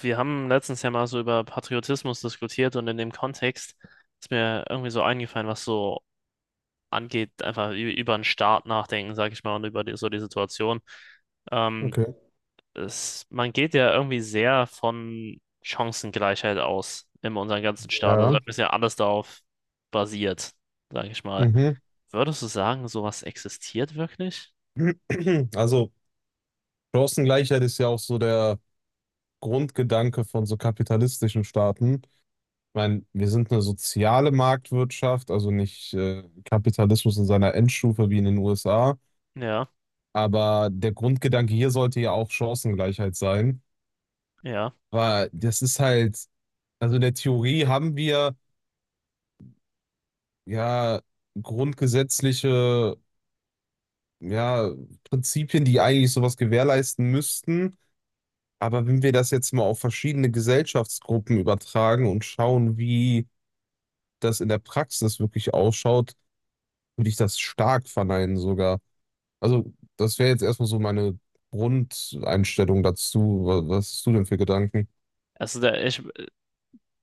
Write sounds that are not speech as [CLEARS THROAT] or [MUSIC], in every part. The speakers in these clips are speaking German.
Wir haben letztens ja mal so über Patriotismus diskutiert und in dem Kontext ist mir irgendwie so eingefallen, was so angeht, einfach über den Staat nachdenken, sag ich mal, und über die, so die Situation. Ähm, Okay. Es, man geht ja irgendwie sehr von Chancengleichheit aus in unserem ganzen Staat. Also Ja. ist ja alles darauf basiert, sag ich mal. Mhm. Würdest du sagen, sowas existiert wirklich? [CLEARS THROAT] Also Chancengleichheit ist ja auch so der Grundgedanke von so kapitalistischen Staaten. Ich meine, wir sind eine soziale Marktwirtschaft, also nicht Kapitalismus in seiner Endstufe wie in den USA. Ja, Aber der Grundgedanke hier sollte ja auch Chancengleichheit sein. ja. Weil das ist halt, also in der Theorie haben wir ja grundgesetzliche, ja, Prinzipien, die eigentlich sowas gewährleisten müssten. Aber wenn wir das jetzt mal auf verschiedene Gesellschaftsgruppen übertragen und schauen, wie das in der Praxis wirklich ausschaut, würde ich das stark verneinen sogar. Also, das wäre jetzt erstmal so meine Grundeinstellung dazu. Was hast du denn für Gedanken? Also der, ich,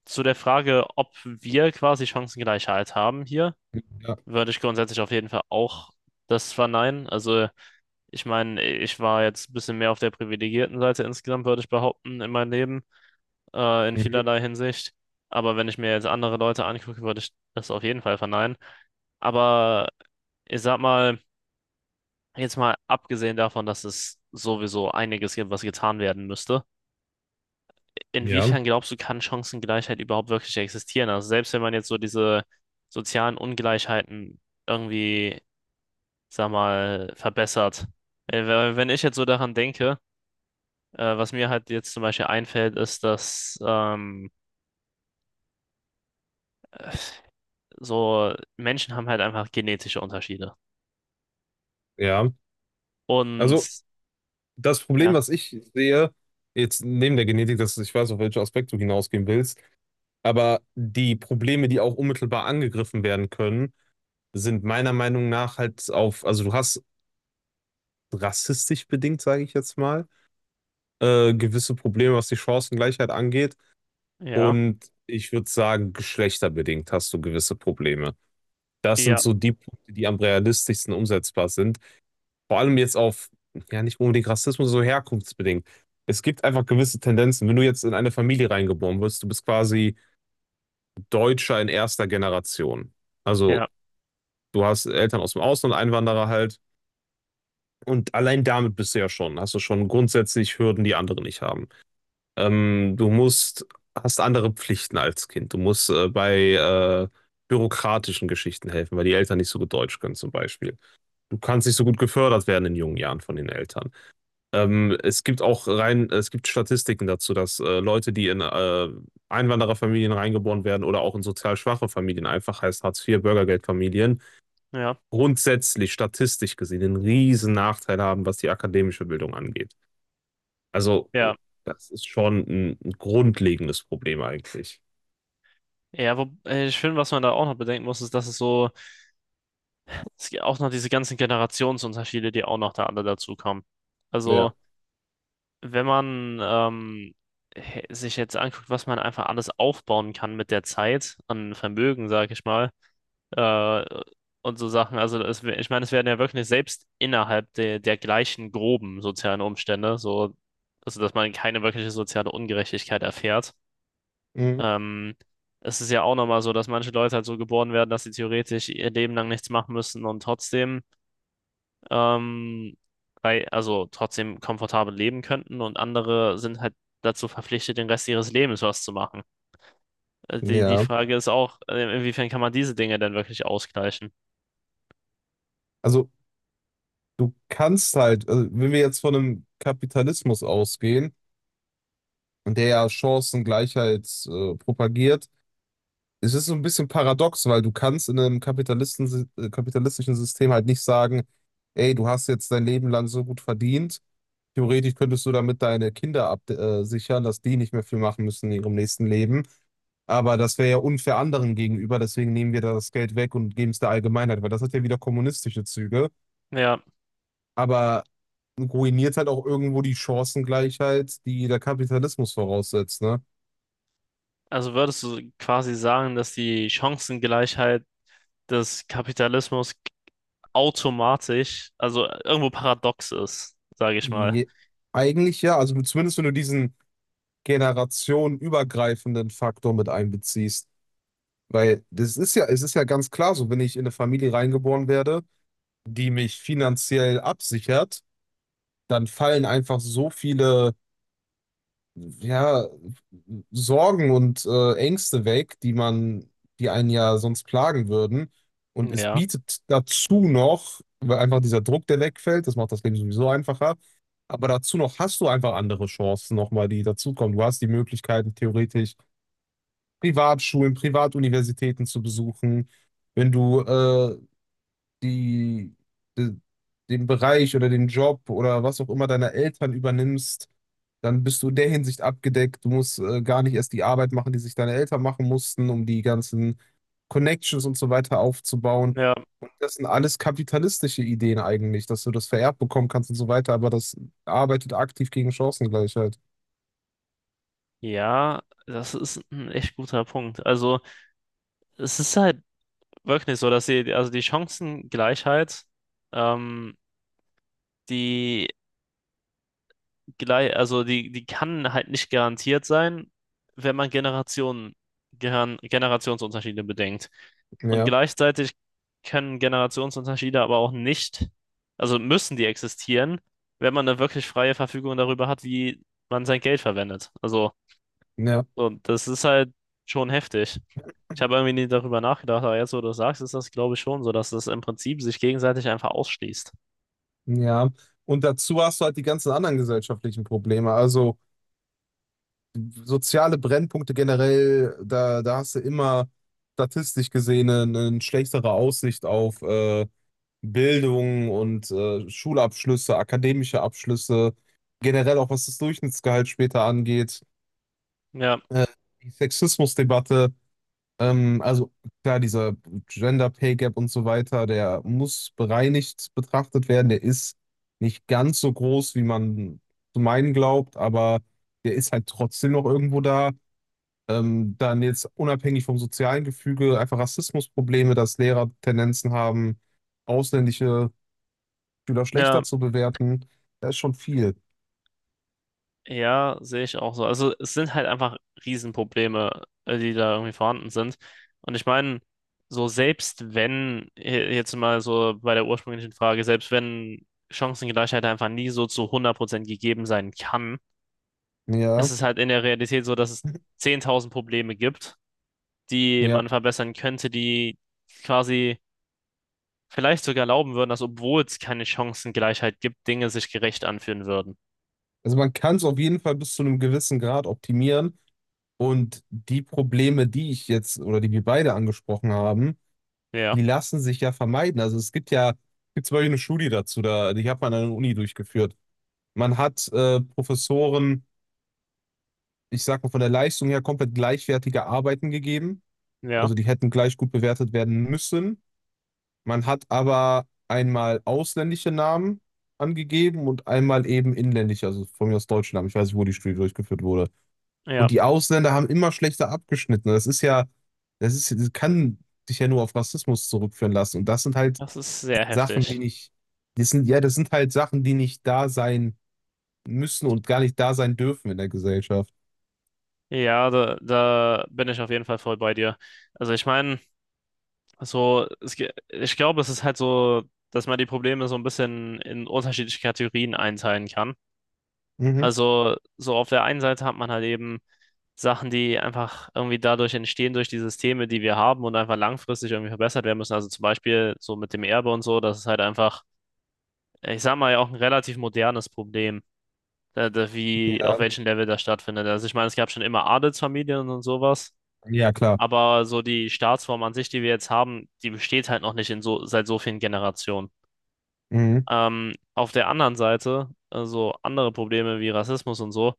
zu der Frage, ob wir quasi Chancengleichheit haben hier, Ja, würde ich grundsätzlich auf jeden Fall auch das verneinen. Also ich meine, ich war jetzt ein bisschen mehr auf der privilegierten Seite insgesamt, würde ich behaupten, in meinem Leben, in mhm. vielerlei Hinsicht. Aber wenn ich mir jetzt andere Leute angucke, würde ich das auf jeden Fall verneinen. Aber ich sag mal, jetzt mal abgesehen davon, dass es sowieso einiges gibt, was getan werden müsste, Ja, inwiefern glaubst du, kann Chancengleichheit überhaupt wirklich existieren? Also selbst wenn man jetzt so diese sozialen Ungleichheiten irgendwie, sag mal, verbessert. Wenn ich jetzt so daran denke, was mir halt jetzt zum Beispiel einfällt, ist, dass so Menschen haben halt einfach genetische Unterschiede. ja. Also Und das Problem, ja, was ich sehe, jetzt neben der Genetik, dass ich weiß, auf welchen Aspekt du hinausgehen willst, aber die Probleme, die auch unmittelbar angegriffen werden können, sind meiner Meinung nach halt auf, also du hast rassistisch bedingt, sage ich jetzt mal, gewisse Probleme, was die Chancengleichheit angeht. ja, Und ich würde sagen, geschlechterbedingt hast du gewisse Probleme. Das sind ja, so die Punkte, die am realistischsten umsetzbar sind. Vor allem jetzt auf, ja, nicht unbedingt Rassismus, so herkunftsbedingt. Es gibt einfach gewisse Tendenzen. Wenn du jetzt in eine Familie reingeboren wirst, du bist quasi Deutscher in erster Generation. Also ja, du hast Eltern aus dem Ausland, Einwanderer halt. Und allein damit bist du ja schon, hast du schon grundsätzlich Hürden, die andere nicht haben. Du musst, hast andere Pflichten als Kind. Du musst bei bürokratischen Geschichten helfen, weil die Eltern nicht so gut Deutsch können zum Beispiel. Du kannst nicht so gut gefördert werden in jungen Jahren von den Eltern. Es gibt auch rein, es gibt Statistiken dazu, dass Leute, die in Einwandererfamilien reingeboren werden oder auch in sozial schwache Familien, einfach heißt Hartz-IV, Bürgergeldfamilien, ja, grundsätzlich statistisch gesehen einen riesen Nachteil haben, was die akademische Bildung angeht. Also, ja. das ist schon ein grundlegendes Problem eigentlich. Ja, wo, ich finde, was man da auch noch bedenken muss, ist, dass es so, es gibt auch noch diese ganzen Generationsunterschiede, die auch noch da alle dazukommen. Also, Ja. wenn man sich jetzt anguckt, was man einfach alles aufbauen kann mit der Zeit, an Vermögen, sag ich mal, äh, und so Sachen. Also es, ich meine, es werden ja wirklich selbst innerhalb der, der gleichen groben sozialen Umstände, so, also dass man keine wirkliche soziale Ungerechtigkeit erfährt. Mhm. Ähm, Es ist ja auch nochmal so, dass manche Leute halt so geboren werden, dass sie theoretisch ihr Leben lang nichts machen müssen und trotzdem, ähm, bei, also trotzdem komfortabel leben könnten und andere sind halt dazu verpflichtet, den Rest ihres Lebens was zu machen. Die, die Ja. Frage ist auch, inwiefern kann man diese Dinge denn wirklich ausgleichen? Also du kannst halt, also wenn wir jetzt von einem Kapitalismus ausgehen, der ja Chancengleichheit propagiert, es ist so ein bisschen paradox, weil du kannst in einem kapitalistischen System halt nicht sagen, ey, du hast jetzt dein Leben lang so gut verdient. Theoretisch könntest du damit deine Kinder ab sichern, dass die nicht mehr viel machen müssen in ihrem nächsten Leben. Aber das wäre ja unfair anderen gegenüber, deswegen nehmen wir da das Geld weg und geben es der Allgemeinheit, weil das hat ja wieder kommunistische Züge, Ja. aber ruiniert halt auch irgendwo die Chancengleichheit, die der Kapitalismus voraussetzt, ne? Also würdest du quasi sagen, dass die Chancengleichheit des Kapitalismus automatisch, also irgendwo paradox ist, sage ich mal. Je, eigentlich ja, also zumindest wenn du diesen generationenübergreifenden Faktor mit einbeziehst, weil das ist ja, es ist ja ganz klar so, wenn ich in eine Familie reingeboren werde, die mich finanziell absichert, dann fallen einfach so viele, ja, Sorgen und Ängste weg, die man, die einen ja sonst plagen würden. Und es Ja, bietet dazu noch, weil einfach dieser Druck, der wegfällt, das macht das Leben sowieso einfacher. Aber dazu noch hast du einfach andere Chancen nochmal, die dazukommen. Du hast die Möglichkeiten, theoretisch Privatschulen, Privatuniversitäten zu besuchen. Wenn du die, de, den Bereich oder den Job oder was auch immer deiner Eltern übernimmst, dann bist du in der Hinsicht abgedeckt. Du musst gar nicht erst die Arbeit machen, die sich deine Eltern machen mussten, um die ganzen Connections und so weiter aufzubauen. ja, Und das sind alles kapitalistische Ideen eigentlich, dass du das vererbt bekommen kannst und so weiter, aber das arbeitet aktiv gegen Chancengleichheit. ja, das ist ein echt guter Punkt. Also es ist halt wirklich so, dass die, also die Chancengleichheit, ähm, die gleich, also die, die kann halt nicht garantiert sein, wenn man Generationen, Generationsunterschiede bedenkt. Und Ja, gleichzeitig können Generationsunterschiede aber auch nicht, also müssen die existieren, wenn man eine wirklich freie Verfügung darüber hat, wie man sein Geld verwendet. Also, ja, und das ist halt schon heftig. Ich habe irgendwie nie darüber nachgedacht, aber jetzt, wo du es sagst, ist das, glaube ich, schon so, dass das im Prinzip sich gegenseitig einfach ausschließt. ja. Und dazu hast du halt die ganzen anderen gesellschaftlichen Probleme. Also soziale Brennpunkte generell, da hast du immer statistisch gesehen eine schlechtere Aussicht auf Bildung und Schulabschlüsse, akademische Abschlüsse, generell auch was das Durchschnittsgehalt später angeht, Ja, äh, die Sexismusdebatte, also klar, dieser Gender Pay Gap und so weiter, der muss bereinigt betrachtet werden, der ist nicht ganz so groß, wie man zu meinen glaubt, aber der ist halt trotzdem noch irgendwo da. Dann jetzt unabhängig vom sozialen Gefüge einfach Rassismusprobleme, dass Lehrer Tendenzen haben, ausländische Schüler ja. schlechter zu bewerten. Da ist schon viel. Ja, sehe ich auch so. Also es sind halt einfach Riesenprobleme, die da irgendwie vorhanden sind. Und ich meine, so selbst wenn, jetzt mal so bei der ursprünglichen Frage, selbst wenn Chancengleichheit einfach nie so zu 100% gegeben sein kann, ist Ja, es halt in der Realität so, dass es 10.000 Probleme gibt, die ja. man verbessern könnte, die quasi vielleicht sogar erlauben würden, dass obwohl es keine Chancengleichheit gibt, Dinge sich gerecht anfühlen würden. Also man kann es auf jeden Fall bis zu einem gewissen Grad optimieren. Und die Probleme, die ich jetzt oder die wir beide angesprochen haben, Ja, die lassen sich ja vermeiden. Also es gibt ja, es gibt zum Beispiel eine Studie dazu, da, die hat man an der Uni durchgeführt. Man hat Professoren, ich sag mal von der Leistung her, komplett gleichwertige Arbeiten gegeben. ja, Also die hätten gleich gut bewertet werden müssen. Man hat aber einmal ausländische Namen angegeben und einmal eben inländische, also von mir aus deutsche Namen. Ich weiß nicht, wo die Studie durchgeführt wurde. ja. Und die Ausländer haben immer schlechter abgeschnitten. Das ist ja, das ist, das kann dich ja nur auf Rassismus zurückführen lassen. Und das sind halt Das ist sehr Sachen, die heftig. nicht, das sind, ja, das sind halt Sachen, die nicht da sein müssen und gar nicht da sein dürfen in der Gesellschaft. Ja, da, da bin ich auf jeden Fall voll bei dir. Also ich meine, so, es, ich glaube, es ist halt so, dass man die Probleme so ein bisschen in unterschiedliche Kategorien einteilen kann. Mhm. Also so auf der einen Seite hat man halt eben Sachen, die einfach irgendwie dadurch entstehen, durch die Systeme, die wir haben und einfach langfristig irgendwie verbessert werden müssen. Also zum Beispiel so mit dem Erbe und so, das ist halt einfach, ich sag mal, ja auch ein relativ modernes Problem, da, da, wie, auf Ja, welchem Level das stattfindet. Also ich meine, es gab schon immer Adelsfamilien und sowas. ja, klar. Aber so die Staatsform an sich, die wir jetzt haben, die besteht halt noch nicht in so, seit so vielen Generationen. Mhm. Auf der anderen Seite, so andere Probleme wie Rassismus und so,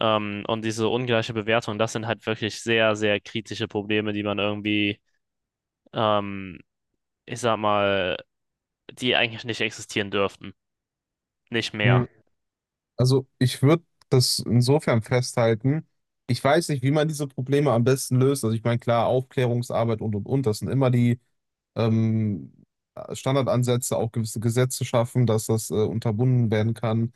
und diese ungleiche Bewertung, das sind halt wirklich sehr, sehr kritische Probleme, die man irgendwie, ähm, ich sag mal, die eigentlich nicht existieren dürften. Nicht mehr. Mhm. Also ich würde das insofern festhalten. Ich weiß nicht, wie man diese Probleme am besten löst. Also ich meine, klar, Aufklärungsarbeit und, das sind immer die, ähm, Standardansätze, auch gewisse Gesetze schaffen, dass das unterbunden werden kann.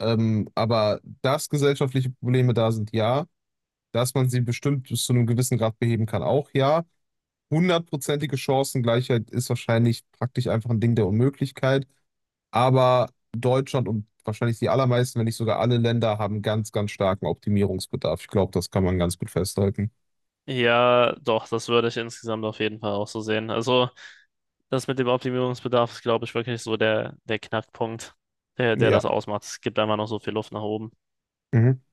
Aber dass gesellschaftliche Probleme da sind, ja. Dass man sie bestimmt bis zu einem gewissen Grad beheben kann, auch ja. Hundertprozentige Chancengleichheit ist wahrscheinlich praktisch einfach ein Ding der Unmöglichkeit. Aber Deutschland und wahrscheinlich die allermeisten, wenn nicht sogar alle Länder, haben ganz, ganz starken Optimierungsbedarf. Ich glaube, das kann man ganz gut festhalten. Ja, doch, das würde ich insgesamt auf jeden Fall auch so sehen. Also das mit dem Optimierungsbedarf ist, glaube ich, wirklich so der, der Knackpunkt, der, der das Ja. ausmacht. Es gibt einfach noch so viel Luft nach oben. Mhm.